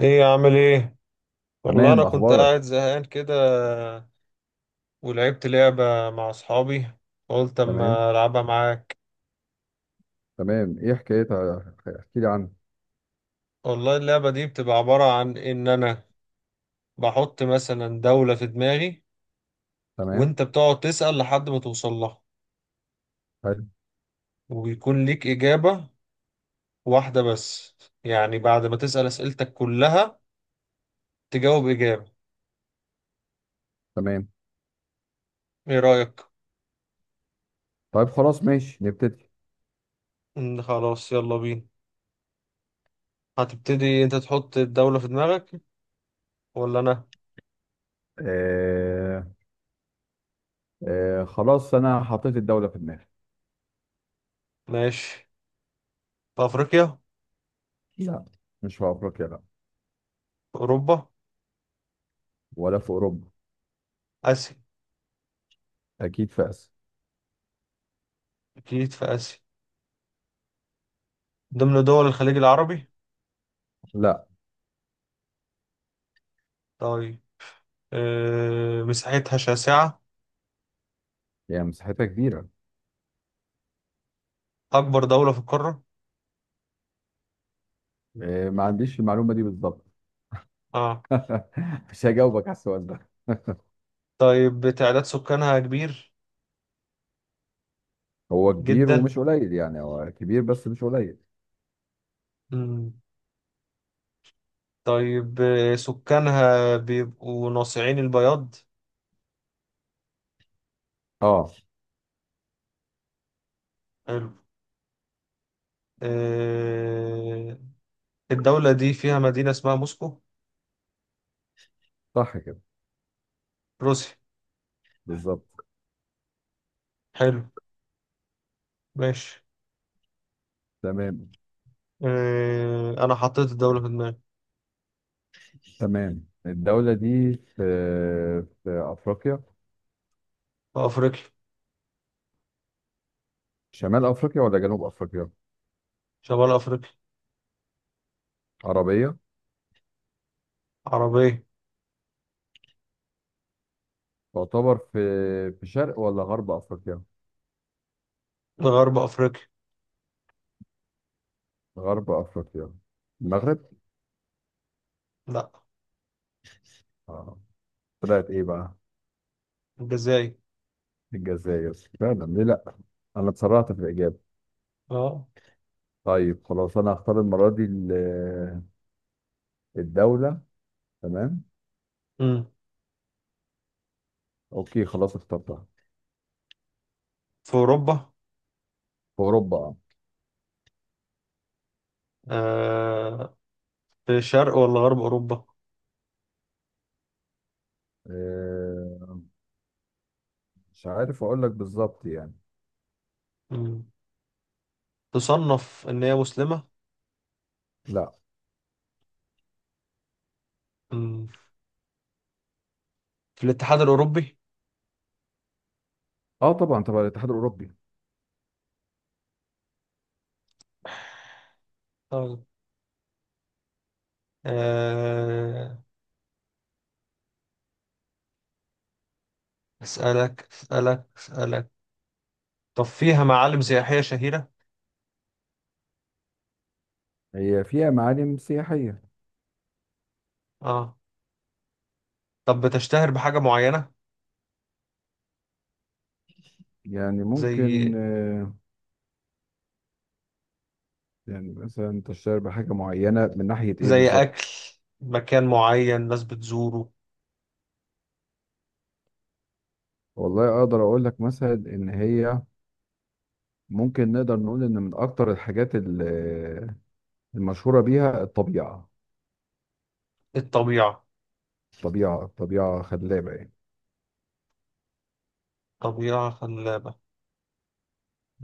ايه يا عامل ايه؟ والله انا تمام. كنت اخبارك؟ قاعد زهقان كده، ولعبت لعبة مع اصحابي. قلت تمام. اما العبها معاك. تمام، ايه حكايتها؟ احكي لي عنها. والله اللعبة دي بتبقى عبارة عن ان انا بحط مثلا دولة في دماغي، تمام. وانت بتقعد تسأل لحد ما توصل لها، حلو. وبيكون ليك إجابة واحدة بس. يعني بعد ما تسأل أسئلتك كلها تجاوب إجابة. تمام. ايه رأيك؟ طيب، خلاص، ماشي، نبتدي. إن خلاص يلا بينا. هتبتدي انت تحط الدولة في دماغك ولا انا؟ آه. آه، خلاص انا حطيت الدولة في دماغي. ماشي. في افريقيا؟ في لا، مش في افريقيا، لا. اوروبا؟ ولا في اوروبا. آسيا؟ اكيد في اسيا. أكيد في آسيا. ضمن دول الخليج العربي؟ لا، طيب. مساحتها شاسعة. يعني مساحتها كبيرة. أكبر دولة في القارة؟ آه، ما عنديش المعلومة دي بالظبط. آه. مش هجاوبك على السؤال ده. طيب، تعداد سكانها كبير؟ هو كبير جدا. ومش قليل، يعني هو كبير بس مش قليل. مم. طيب، سكانها بيبقوا ناصعين البياض. اه، حلو. آه، الدولة دي فيها مدينة اسمها موسكو. صح كده. روسيا. بالظبط. حلو. ماشي. تمام. أنا حطيت الدولة في دماغي. تمام. الدولة دي في أفريقيا. في أفريقيا. شمال أفريقيا ولا جنوب أفريقيا؟ شمال أفريقيا. عربية. عربية. تعتبر في شرق ولا غرب أفريقيا؟ غرب أفريقيا. غرب أفريقيا. المغرب. لا. آه. طلعت إيه بقى؟ الجزائر. الجزائر. فعلا، ليه لأ. أنا اتسرعت في الإجابة. اه. طيب، خلاص، أنا هختار المرة دي الدولة. تمام. امم أوكي، خلاص، اخترتها. في اوروبا. في أوروبا، آه. آه. في شرق ولا غرب اوروبا؟ آه، مش عارف أقول لك بالظبط يعني. امم تصنف ان هي مسلمة؟ لأ. امم في الاتحاد الاوروبي؟ أه، طبعا، طبعا، الاتحاد الأوروبي. طيب. آه اسالك اسالك اسالك. طب فيها معالم سياحية شهيرة؟ هي فيها معالم سياحية. اه. طب بتشتهر بحاجة معينة؟ يعني زي ممكن، يعني مثلا تشتهر بحاجة معينة من ناحية ايه زي بالظبط؟ اكل، مكان معين ناس بتزوره. والله اقدر اقول لك مثلا ان هي ممكن نقدر نقول ان من اكتر الحاجات المشهورة بيها الطبيعة. الطبيعة؟ الطبيعة خلابة يعني. طبيعة خلابة.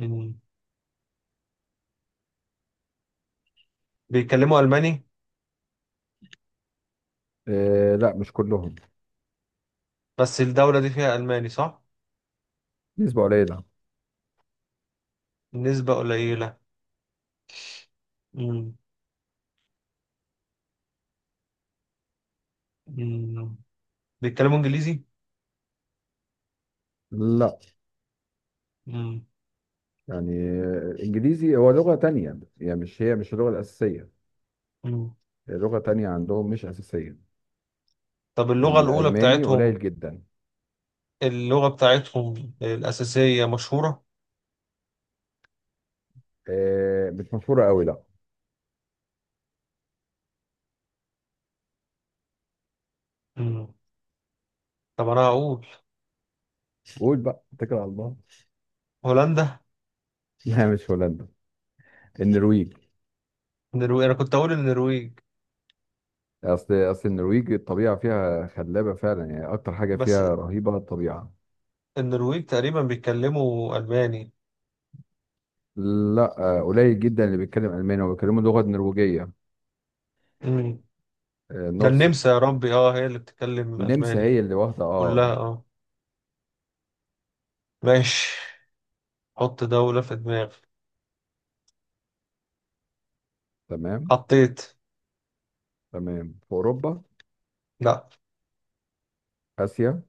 امم بيتكلموا الماني؟ لا، مش كلهم. بس الدولة دي فيها الماني، صح؟ نسبة قليلة. نسبة قليلة. مم. مم. بيتكلموا انجليزي؟ لا. مم. يعني الانجليزي هو لغة تانية، يعني مش اللغة الاساسية. مم. هي لغة تانية عندهم، مش اساسية. طب اللغة الأولى الالماني قليل بتاعتهم، جدا. اللغة بتاعتهم الأساسية مشهورة؟ مش مشهورة قوي، لا. مم. طب أنا هقول. قول بقى، اتكل على الله. هولندا؟ لا، مش هولندا. النرويج. النرويج؟ أنا كنت أقول النرويج اصل النرويج الطبيعه فيها خلابه فعلا، يعني اكتر حاجه بس. فيها رهيبه الطبيعه. النرويج تقريبا بيتكلموا ألماني؟ لا، قليل جدا اللي بيتكلم الماني، وبيتكلموا لغه نرويجيه. مم. ده النمسا نورسك. يا ربي، اه هي اللي بتتكلم النمسا ألماني. هي اللي واخده، كلها، اه. اه. ماشي. حط دولة في دماغي. تمام. حطيت. تمام، في اوروبا. لا. اسيا.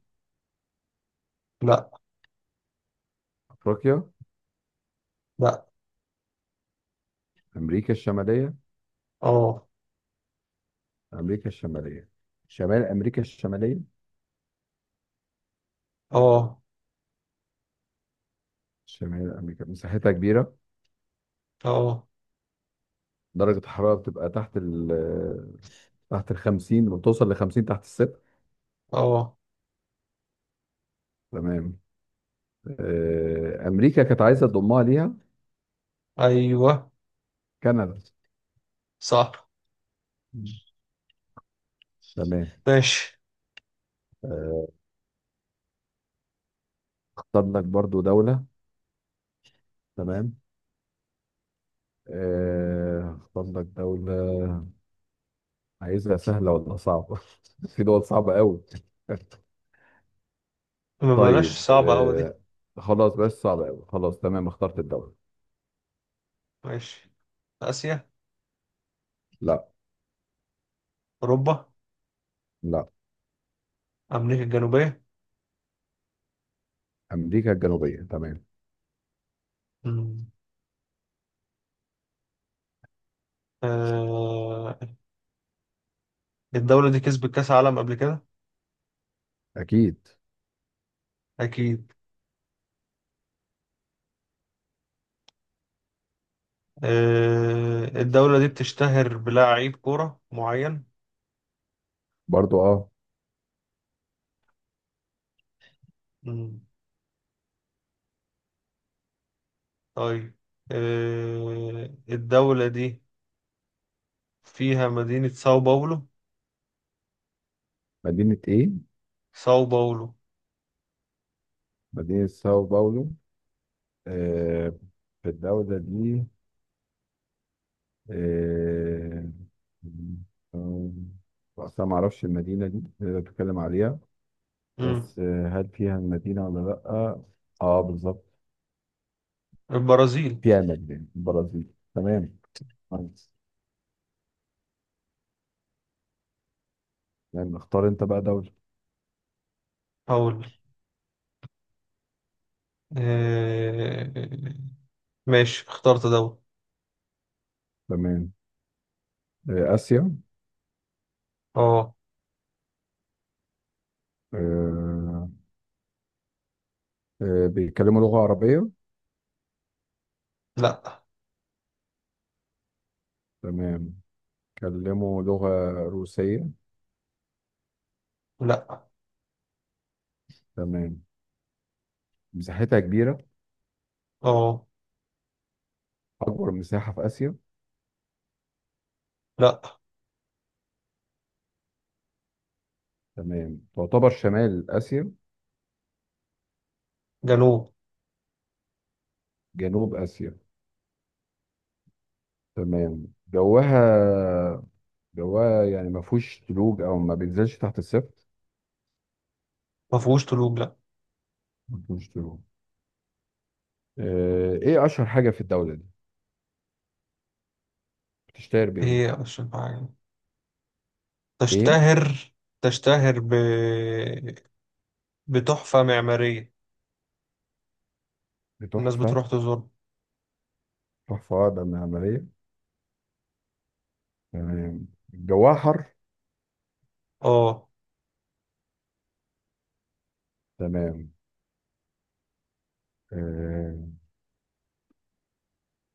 لا. افريقيا. لا. امريكا الشماليه. اه. امريكا الشماليه. شمال امريكا الشماليه. اه. شمال امريكا مساحتها كبيره. اه. درجه الحراره بتبقى تحت ال 50، بتوصل ل 50 تحت الصفر. اه. تمام. امريكا كانت عايزه تضمها ليها. ايوه، كندا. صح. مم. تمام. ماشي. آه، اختار لك برضو دوله. تمام. اختار لك دوله. عايزها سهله ولا صعبه؟ في دول صعبه قوي. ما بلاش طيب، صعبة أوي دي. خلاص، بس صعبه قوي، خلاص، تمام، اخترت الدوله. ماشي. آسيا؟ لا. أوروبا؟ لا. أمريكا الجنوبية؟ امريكا الجنوبيه. تمام. مم. آه... الدولة دي كسبت كأس عالم قبل كده؟ اكيد. أكيد. الدولة دي بتشتهر بلاعيب كورة معين؟ برضو، اه. مم. طيب. الدولة دي فيها مدينة ساو باولو؟ مدينه ايه؟ ساو باولو. مدينه ساو باولو. آه، في الدوله دي، آه، آه، أصلا ما أعرفش المدينة دي اللي أنت بتتكلم عليها. مم. بس هل فيها المدينة ولا لأ؟ أه، بالظبط. البرازيل. فيها المدينة، البرازيل. تمام. كويس. يعني اختار أنت بقى دولة. هقول. آه... ماشي، اخترت دولة. تمام. آسيا؟ اه. آه، بيتكلموا لغة عربية؟ لا. تمام. بيتكلموا لغة روسية؟ لا. تمام. مساحتها كبيرة؟ اه. أكبر مساحة في آسيا؟ لا. تمام. تعتبر شمال آسيا؟ جنوب. جنوب آسيا. تمام. جواها. جواها يعني ما فيهوش تلوج، او ما بينزلش تحت الصفر؟ ما فيهوش طلوع، لا. ما فيهوش تلوج. ايه اشهر حاجه في الدوله دي؟ بتشتهر بايه؟ هي عشان حاجة ايه؟ تشتهر. تشتهر بتحفة معمارية. الناس بتحفه؟ بتروح تزور. تحفه، ده من عمليه. تمام. جواها حر؟ اه. تمام. آه،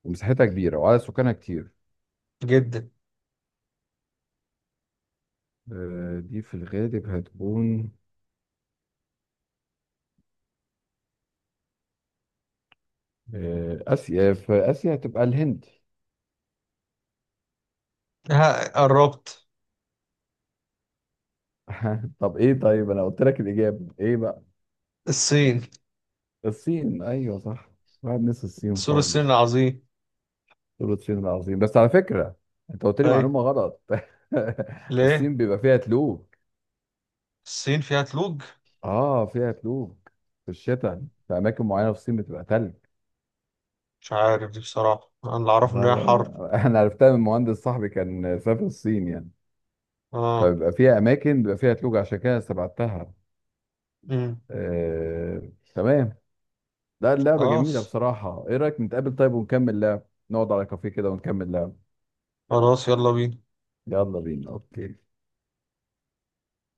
ومساحتها كبيره وعدد سكانها كتير. جدا. دي في الغالب هتكون، اسيا، في اسيا هتبقى الهند. ها قربت. طب ايه؟ طيب، انا قلت لك الاجابه ايه بقى؟ الصين. الصين، ايوه، صح. واحد نسي الصين سور الصين خالص. العظيم. دول الصين العظيم، بس على فكرة، انت قلت لي اي؟ معلومة غلط. ليه؟ الصين بيبقى فيها تلوج. الصين فيها تلوج؟ اه، فيها تلوج. في الشتاء. في اماكن معينة في الصين بتبقى تلج. مش عارف دي بصراحة. انا اللي اعرفه ان لا، هي لا، حر. لا. انا عرفتها من مهندس صاحبي كان سافر الصين يعني. اه. فبيبقى فيها اماكن بيبقى فيها تلوج، عشان كده استبعدتها. امم تمام. لا، اللعبة جميلة خلاص، بصراحة. ايه رأيك نتقابل طيب ونكمل لعب؟ نقعد على كافيه كده ونكمل لعب. خلاص، يلا بينا. يلا بينا. اوكي.